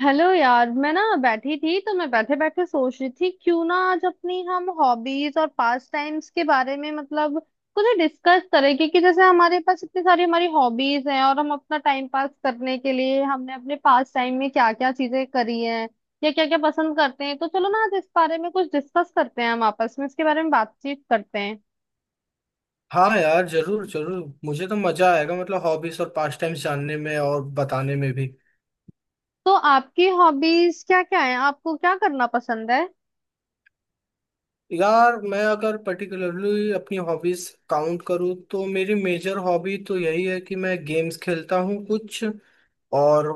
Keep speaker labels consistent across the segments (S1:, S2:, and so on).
S1: Hello यार, मैं ना बैठी थी तो मैं बैठे बैठे सोच रही थी क्यों ना आज अपनी हम हॉबीज और पास टाइम्स के बारे में मतलब कुछ डिस्कस करें। क्योंकि जैसे हमारे पास इतनी सारी हमारी हॉबीज हैं और हम अपना टाइम पास करने के लिए हमने अपने पास टाइम में क्या क्या चीजें करी हैं या क्या क्या पसंद करते हैं, तो चलो ना आज इस बारे में कुछ डिस्कस करते हैं, हम आपस में इसके बारे में बातचीत करते हैं।
S2: हाँ यार, जरूर जरूर मुझे तो मजा आएगा। मतलब हॉबीज और पास्ट टाइम्स जानने में और बताने में भी।
S1: तो आपकी हॉबीज क्या क्या है? आपको क्या करना पसंद है?
S2: यार, मैं अगर पर्टिकुलरली अपनी हॉबीज काउंट करूँ तो मेरी मेजर हॉबी तो यही है कि मैं गेम्स खेलता हूँ कुछ और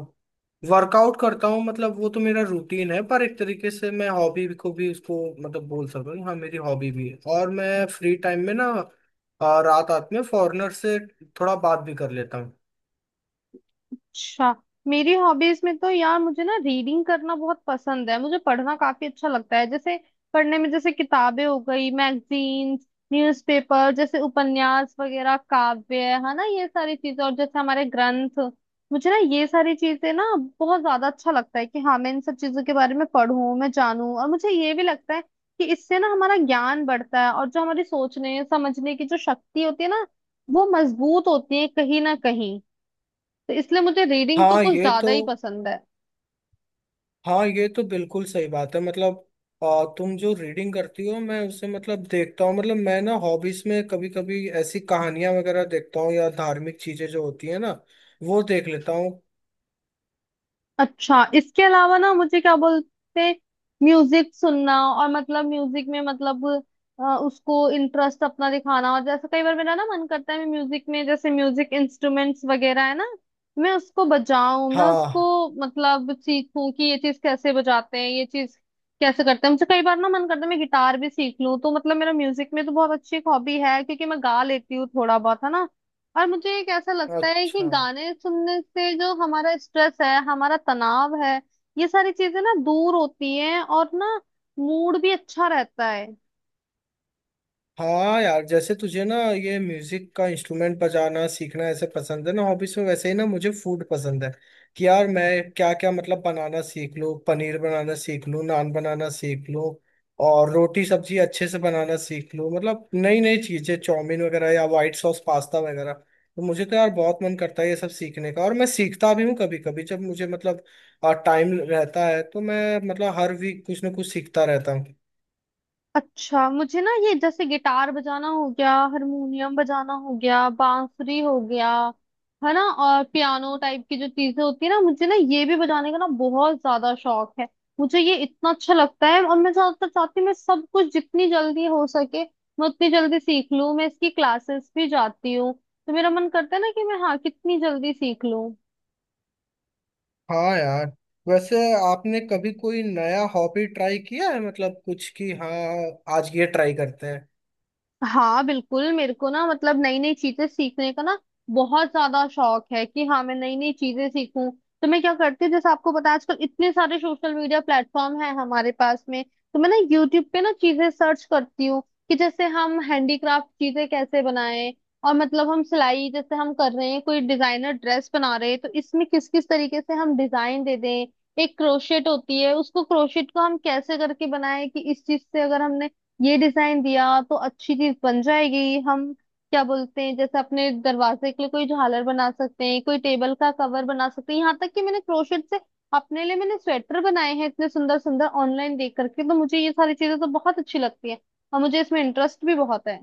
S2: वर्कआउट करता हूँ। मतलब वो तो मेरा रूटीन है पर एक तरीके से मैं हॉबी को भी उसको मतलब बोल सकता हूँ। हाँ, मेरी हॉबी भी है और मैं फ्री टाइम में ना रात रात में फॉरेनर से थोड़ा बात भी कर लेता हूँ।
S1: अच्छा, मेरी हॉबीज में तो यार मुझे ना रीडिंग करना बहुत पसंद है। मुझे पढ़ना काफी अच्छा लगता है, जैसे पढ़ने में जैसे किताबें हो गई, मैगजीन्स, न्यूज़पेपर, जैसे उपन्यास वगैरह, काव्य है ना, ये सारी चीजें, और जैसे हमारे ग्रंथ, मुझे ना ये सारी चीजें ना बहुत ज्यादा अच्छा लगता है कि हाँ मैं इन सब चीजों के बारे में पढूं, मैं जानूं। और मुझे ये भी लगता है कि इससे ना हमारा ज्ञान बढ़ता है और जो हमारी सोचने समझने की जो शक्ति होती है ना, वो मजबूत होती है कहीं ना कहीं। तो इसलिए मुझे रीडिंग तो
S2: हाँ
S1: कुछ
S2: ये
S1: ज्यादा
S2: तो,
S1: ही पसंद है।
S2: हाँ ये तो बिल्कुल सही बात है। मतलब तुम जो रीडिंग करती हो मैं उसे मतलब देखता हूँ। मतलब मैं ना हॉबीज में कभी कभी ऐसी कहानियां वगैरह देखता हूँ या धार्मिक चीजें जो होती है ना, वो देख लेता हूँ।
S1: अच्छा, इसके अलावा ना मुझे क्या बोलते हैं, म्यूजिक सुनना, और मतलब म्यूजिक में मतलब उसको इंटरेस्ट अपना दिखाना। और जैसे कई बार मेरा ना मन करता है, मैं म्यूजिक में जैसे म्यूजिक इंस्ट्रूमेंट्स वगैरह है ना, मैं उसको बजाऊं, मैं उसको
S2: हाँ।
S1: मतलब सीखूं कि ये चीज कैसे बजाते हैं, ये चीज कैसे करते हैं। मुझे कई बार ना मन करता है मैं गिटार भी सीख लूं, तो मतलब मेरा म्यूजिक में तो बहुत अच्छी एक हॉबी है, क्योंकि मैं गा लेती हूँ थोड़ा बहुत, है ना। और मुझे एक ऐसा लगता है कि
S2: अच्छा।
S1: गाने सुनने से जो हमारा स्ट्रेस है, हमारा तनाव है, ये सारी चीजें ना दूर होती हैं, और ना मूड भी अच्छा रहता है।
S2: हाँ यार, जैसे तुझे ना ये म्यूजिक का इंस्ट्रूमेंट बजाना सीखना ऐसे पसंद है ना हॉबीज में, वैसे ही ना मुझे फूड पसंद है कि यार मैं क्या क्या मतलब बनाना सीख लूँ, पनीर बनाना सीख लूँ, नान बनाना सीख लूँ और रोटी सब्जी अच्छे से बनाना सीख लूँ। मतलब नई नई चीजें चाउमीन वगैरह या व्हाइट सॉस पास्ता वगैरह, तो मुझे तो यार बहुत मन करता है ये सब सीखने का। और मैं सीखता भी हूँ कभी कभी जब मुझे मतलब टाइम रहता है तो मैं मतलब हर वीक कुछ ना कुछ सीखता रहता हूँ।
S1: अच्छा, मुझे ना ये जैसे गिटार बजाना हो गया, हारमोनियम बजाना हो गया, बांसुरी हो गया, है ना, और पियानो टाइप की जो चीजें होती है ना, मुझे ना ये भी बजाने का ना बहुत ज्यादा शौक है। मुझे ये इतना अच्छा लगता है, और मैं ज्यादातर चाहती हूँ मैं सब कुछ जितनी जल्दी हो सके मैं उतनी जल्दी सीख लूँ। मैं इसकी क्लासेस भी जाती हूँ, तो मेरा मन करता है ना कि मैं हाँ कितनी जल्दी सीख लूँ।
S2: हाँ यार। वैसे आपने कभी कोई नया हॉबी ट्राई किया है मतलब कुछ, कि हाँ आज ये ट्राई करते हैं।
S1: हाँ बिल्कुल, मेरे को ना मतलब नई नई चीजें सीखने का ना बहुत ज्यादा शौक है कि हाँ मैं नई नई चीजें सीखूं। तो मैं क्या करती हूँ, जैसे आपको पता है आजकल इतने सारे सोशल मीडिया प्लेटफॉर्म है हमारे पास में, तो मैं ना यूट्यूब पे ना चीजें सर्च करती हूँ कि जैसे हम हैंडीक्राफ्ट चीजें कैसे बनाएं। और मतलब हम सिलाई, जैसे हम कर रहे हैं कोई डिजाइनर ड्रेस बना रहे हैं, तो इसमें किस किस तरीके से हम डिजाइन दे दें। एक क्रोशेट होती है, उसको क्रोशेट को हम कैसे करके बनाएं कि इस चीज से अगर हमने ये डिजाइन दिया तो अच्छी चीज बन जाएगी। हम क्या बोलते हैं, जैसे अपने दरवाजे के लिए कोई झालर बना सकते हैं, कोई टेबल का कवर बना सकते हैं, यहाँ तक कि मैंने क्रोशेट से अपने लिए मैंने स्वेटर बनाए हैं इतने सुंदर सुंदर, ऑनलाइन देख करके। तो मुझे ये सारी चीजें तो बहुत अच्छी लगती है, और मुझे इसमें इंटरेस्ट भी बहुत है।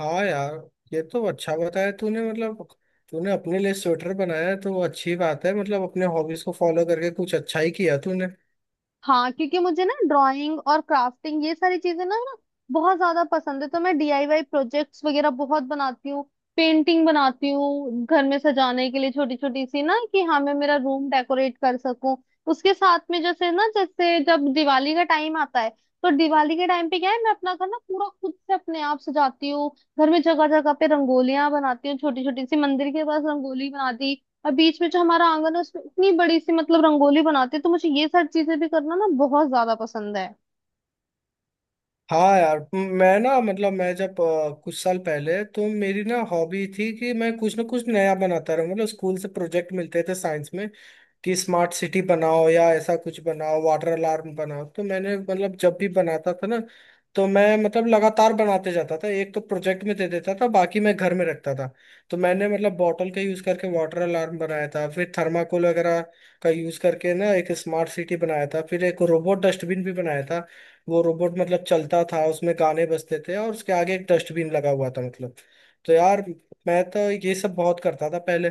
S2: हाँ यार, ये तो अच्छा बताया तूने। मतलब तूने अपने लिए स्वेटर बनाया है तो वो अच्छी बात है। मतलब अपने हॉबीज को फॉलो करके कुछ अच्छा ही किया तूने।
S1: हाँ, क्योंकि मुझे ना ड्राइंग और क्राफ्टिंग ये सारी चीजें ना ना बहुत ज्यादा पसंद है। तो मैं डीआईवाई प्रोजेक्ट्स वगैरह बहुत बनाती हूँ, पेंटिंग बनाती हूँ घर में सजाने के लिए, छोटी छोटी सी ना, कि हाँ मैं मेरा रूम डेकोरेट कर सकूं। उसके साथ में जैसे ना, जैसे जब दिवाली का टाइम आता है तो दिवाली के टाइम पे क्या है, मैं अपना घर ना पूरा खुद से अपने आप सजाती हूँ। घर में जगह जगह पे रंगोलियां बनाती हूँ छोटी छोटी सी, मंदिर के पास रंगोली बना दी, और बीच में जो हमारा आंगन है उसमें इतनी बड़ी सी मतलब रंगोली बनाते हैं। तो मुझे ये सारी चीजें भी करना ना बहुत ज्यादा पसंद है।
S2: हाँ यार, मैं ना मतलब मैं जब कुछ साल पहले तो मेरी ना हॉबी थी कि मैं कुछ ना कुछ नया बनाता रहूँ। मतलब स्कूल से प्रोजेक्ट मिलते थे साइंस में कि स्मार्ट सिटी बनाओ या ऐसा कुछ बनाओ, वाटर अलार्म बनाओ, तो मैंने मतलब जब भी बनाता था ना, तो मैं मतलब लगातार बनाते जाता था। एक तो प्रोजेक्ट में दे देता था, बाकी मैं घर में रखता था। तो मैंने मतलब बॉटल का यूज करके वाटर अलार्म बनाया था, फिर थर्माकोल वगैरह का यूज करके ना एक स्मार्ट सिटी बनाया था, फिर एक रोबोट डस्टबिन भी बनाया था। वो रोबोट मतलब चलता था, उसमें गाने बजते थे और उसके आगे एक डस्टबिन लगा हुआ था मतलब। तो यार, मैं तो ये सब बहुत करता था पहले।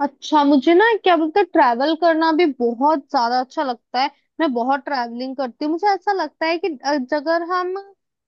S1: अच्छा, मुझे ना क्या बोलते हैं, ट्रैवल करना भी बहुत ज्यादा अच्छा लगता है, मैं बहुत ट्रैवलिंग करती हूँ। मुझे ऐसा लगता है कि अगर हम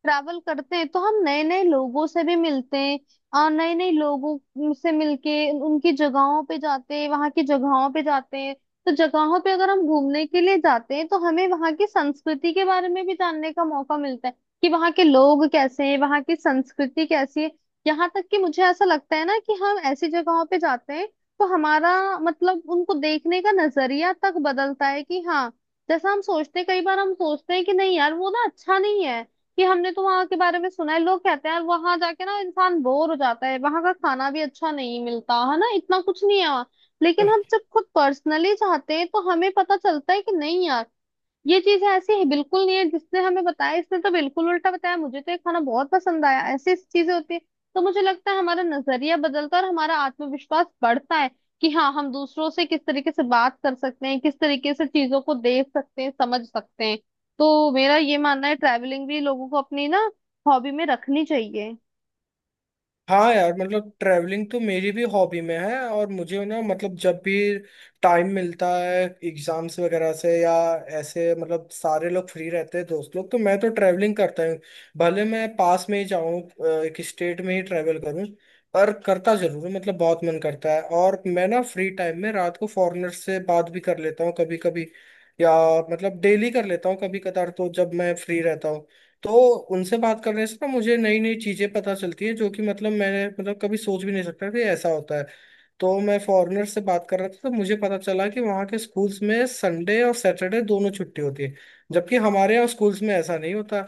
S1: ट्रैवल करते हैं तो हम नए नए लोगों से भी मिलते हैं, और नए नए लोगों से मिलके उनकी जगहों पे जाते हैं, वहां की जगहों पे जाते हैं। तो जगहों पे अगर हम घूमने के लिए जाते हैं तो हमें वहां की संस्कृति के बारे में भी जानने का मौका मिलता है, कि वहां के लोग कैसे हैं, वहां की संस्कृति कैसी है। यहाँ तक कि मुझे ऐसा लगता है ना कि हम ऐसी जगहों पे जाते हैं तो हमारा मतलब उनको देखने का नजरिया तक बदलता है। कि हाँ, जैसा हम सोचते हैं, कई बार हम सोचते हैं कि नहीं यार वो ना अच्छा नहीं है, कि हमने तो वहां के बारे में सुना है, लोग कहते हैं यार वहां जाके ना इंसान बोर हो जाता है, वहां का खाना भी अच्छा नहीं मिलता है, ना इतना कुछ नहीं है वहाँ। लेकिन हम जब खुद पर्सनली जाते हैं तो हमें पता चलता है कि नहीं यार, ये चीज ऐसी है बिल्कुल नहीं है जिसने हमें बताया, इसने तो बिल्कुल उल्टा बताया, मुझे तो ये खाना बहुत पसंद आया, ऐसी चीजें होती है। तो मुझे लगता है हमारा नजरिया बदलता है, और हमारा आत्मविश्वास बढ़ता है, कि हाँ हम दूसरों से किस तरीके से बात कर सकते हैं, किस तरीके से चीजों को देख सकते हैं, समझ सकते हैं। तो मेरा ये मानना है ट्रैवलिंग भी लोगों को अपनी ना हॉबी में रखनी चाहिए।
S2: हाँ यार, मतलब ट्रैवलिंग तो मेरी भी हॉबी में है। और मुझे ना मतलब जब भी टाइम मिलता है एग्जाम्स वगैरह से, या ऐसे मतलब सारे लोग फ्री रहते हैं दोस्त लोग, तो मैं तो ट्रैवलिंग करता हूँ। भले मैं पास में ही जाऊँ, एक स्टेट में ही ट्रैवल करूँ, पर करता जरूर हूँ। मतलब बहुत मन करता है। और मैं ना फ्री टाइम में रात को फॉरेनर से बात भी कर लेता हूँ कभी कभी, या मतलब डेली कर लेता हूँ कभी कदार, तो जब मैं फ्री रहता हूँ तो उनसे बात करने से ना मुझे नई नई चीजें पता चलती है, जो कि मतलब मैंने मतलब कभी सोच भी नहीं सकता कि ऐसा होता है। तो मैं फॉरेनर से बात कर रहा था तो मुझे पता चला कि वहाँ के स्कूल्स में संडे और सैटरडे दोनों छुट्टी होती है, जबकि हमारे यहाँ स्कूल्स में ऐसा नहीं होता।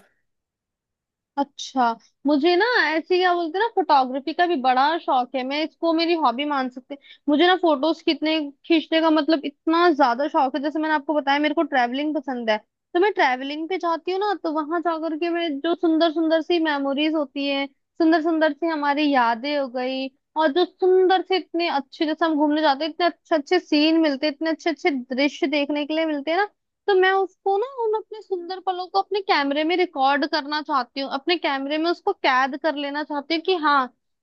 S1: अच्छा, मुझे ना ऐसे क्या बोलते हैं ना, फोटोग्राफी का भी बड़ा शौक है, मैं इसको मेरी हॉबी मान सकते हैं। मुझे ना फोटोज खींचने खींचने का मतलब इतना ज्यादा शौक है। जैसे मैंने आपको बताया मेरे को ट्रैवलिंग पसंद है, तो मैं ट्रैवलिंग पे जाती हूँ ना, तो वहां जाकर के मैं जो सुंदर सुंदर सी मेमोरीज होती है, सुंदर सुंदर सी हमारी यादें हो गई, और जो सुंदर से इतने अच्छे, जैसे हम घूमने जाते हैं इतने अच्छे अच्छे सीन मिलते हैं, इतने अच्छे अच्छे दृश्य देखने के लिए मिलते हैं ना, तो मैं उसको ना उन अपने सुंदर पलों को अपने कैमरे में रिकॉर्ड करना चाहती हूँ, अपने कैमरे में उसको कैद कर लेना चाहती हूँ कि हाँ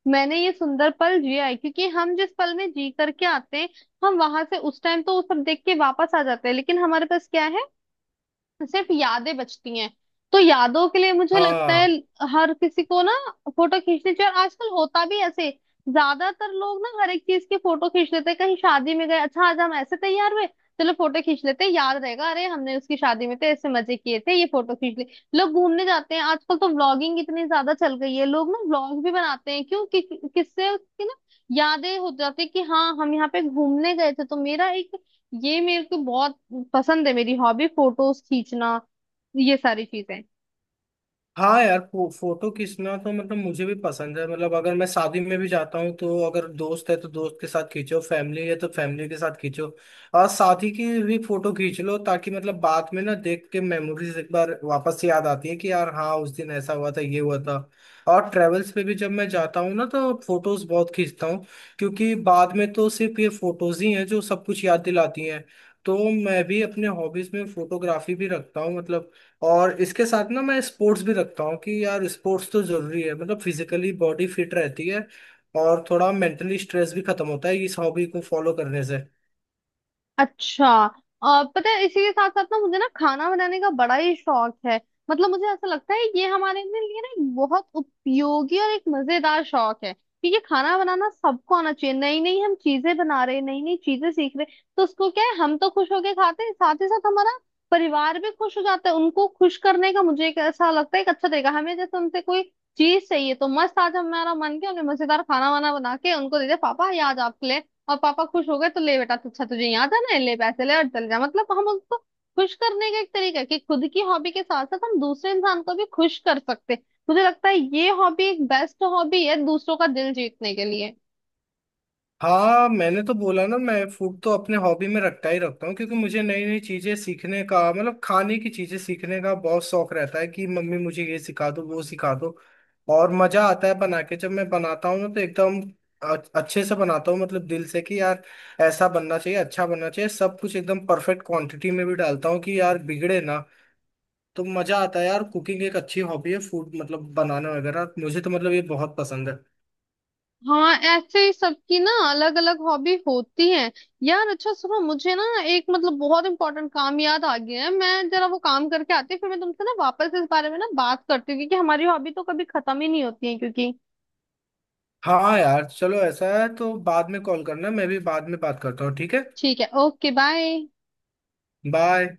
S1: मैंने ये सुंदर पल जिया है। क्योंकि हम जिस पल में जी करके आते हैं, हम वहां से उस टाइम तो वो सब देख के वापस आ जाते हैं, लेकिन हमारे पास क्या है, सिर्फ यादें बचती हैं। तो यादों के लिए मुझे लगता है
S2: हाँ।
S1: हर किसी को ना फोटो खींचनी चाहिए। और आजकल होता भी ऐसे, ज्यादातर लोग ना हर एक चीज की फोटो खींच लेते हैं, कहीं शादी में गए, अच्छा आज हम ऐसे तैयार हुए चलो फोटो खींच लेते हैं, याद रहेगा, अरे हमने उसकी शादी में तो ऐसे मजे किए थे, ये फोटो खींच ली। लोग घूमने जाते हैं, आजकल तो व्लॉगिंग इतनी ज्यादा चल गई है, लोग ना व्लॉग भी बनाते हैं, क्यों किससे उसकी ना यादें हो जाती है कि हाँ हम यहाँ पे घूमने गए थे। तो मेरा एक ये मेरे को बहुत पसंद है, मेरी हॉबी फोटोज खींचना, ये सारी चीजें।
S2: हाँ यार, फोटो खींचना तो मतलब मुझे भी पसंद है। मतलब अगर मैं शादी में भी जाता हूँ तो अगर दोस्त है तो दोस्त के साथ खींचो, फैमिली है तो फैमिली के साथ खींचो और शादी की भी फोटो खींच लो, ताकि मतलब बाद में ना देख के मेमोरीज एक बार वापस से याद आती है कि यार हाँ, उस दिन ऐसा हुआ था, ये हुआ था। और ट्रेवल्स पे भी जब मैं जाता हूँ ना, तो फोटोज बहुत खींचता हूँ क्योंकि बाद में तो सिर्फ ये फोटोज ही हैं जो सब कुछ याद दिलाती हैं। तो मैं भी अपने हॉबीज में फोटोग्राफी भी रखता हूँ मतलब। और इसके साथ ना मैं स्पोर्ट्स भी रखता हूँ कि यार स्पोर्ट्स तो जरूरी है। मतलब फिजिकली बॉडी फिट रहती है और थोड़ा मेंटली स्ट्रेस भी खत्म होता है इस हॉबी को फॉलो करने से।
S1: अच्छा, पता है इसी के साथ साथ ना मुझे ना खाना बनाने का बड़ा ही शौक है। मतलब मुझे ऐसा लगता है ये हमारे ने लिए ना एक बहुत उपयोगी और एक मजेदार शौक है, क्योंकि खाना बनाना सबको आना चाहिए, नई नई हम चीजें बना रहे, नई नई चीजें सीख रहे, तो उसको क्या है, हम तो खुश होके खाते हैं, साथ ही साथ हमारा परिवार भी खुश हो जाता है। उनको खुश करने का मुझे एक ऐसा लगता है एक अच्छा तरीका, हमें जैसे उनसे कोई चीज चाहिए तो मस्त आज हमारा मन किया हमने मजेदार खाना वाना बना के उनको दे दिया, पापा ये आज आपके लिए, और पापा खुश हो गए, तो ले बेटा तो अच्छा तुझे यहाँ जाना है ले पैसे ले और चल जा। मतलब हम उसको खुश करने का एक तरीका है कि खुद की हॉबी के साथ साथ हम दूसरे इंसान को भी खुश कर सकते हैं। मुझे लगता है ये हॉबी एक बेस्ट हॉबी है दूसरों का दिल जीतने के लिए।
S2: हाँ, मैंने तो बोला ना मैं फूड तो अपने हॉबी में रखता ही रखता हूँ, क्योंकि मुझे नई नई चीजें सीखने का मतलब खाने की चीजें सीखने का बहुत शौक रहता है कि मम्मी मुझे ये सिखा दो, वो सिखा दो। और मजा आता है बना के। जब मैं बनाता हूँ ना तो एकदम अ- अच्छे से बनाता हूँ मतलब दिल से, कि यार ऐसा बनना चाहिए, अच्छा बनना चाहिए, सब कुछ एकदम परफेक्ट क्वांटिटी में भी डालता हूँ कि यार बिगड़े ना। तो मजा आता है यार, कुकिंग एक अच्छी हॉबी है। फूड मतलब बनाना वगैरह मुझे तो मतलब ये बहुत पसंद है।
S1: हाँ, ऐसे ही सबकी ना अलग अलग हॉबी होती है। यार अच्छा सुनो, मुझे ना एक मतलब बहुत इंपॉर्टेंट काम याद आ गया है, मैं जरा वो काम करके आती हूँ, फिर मैं तुमसे ना वापस इस बारे में ना बात करती हूँ, क्योंकि हमारी हॉबी तो कभी खत्म ही नहीं होती है, क्योंकि
S2: हाँ यार चलो, ऐसा है तो बाद में कॉल करना, मैं भी बाद में बात करता हूँ। ठीक है,
S1: ठीक है। Okay, bye.
S2: बाय।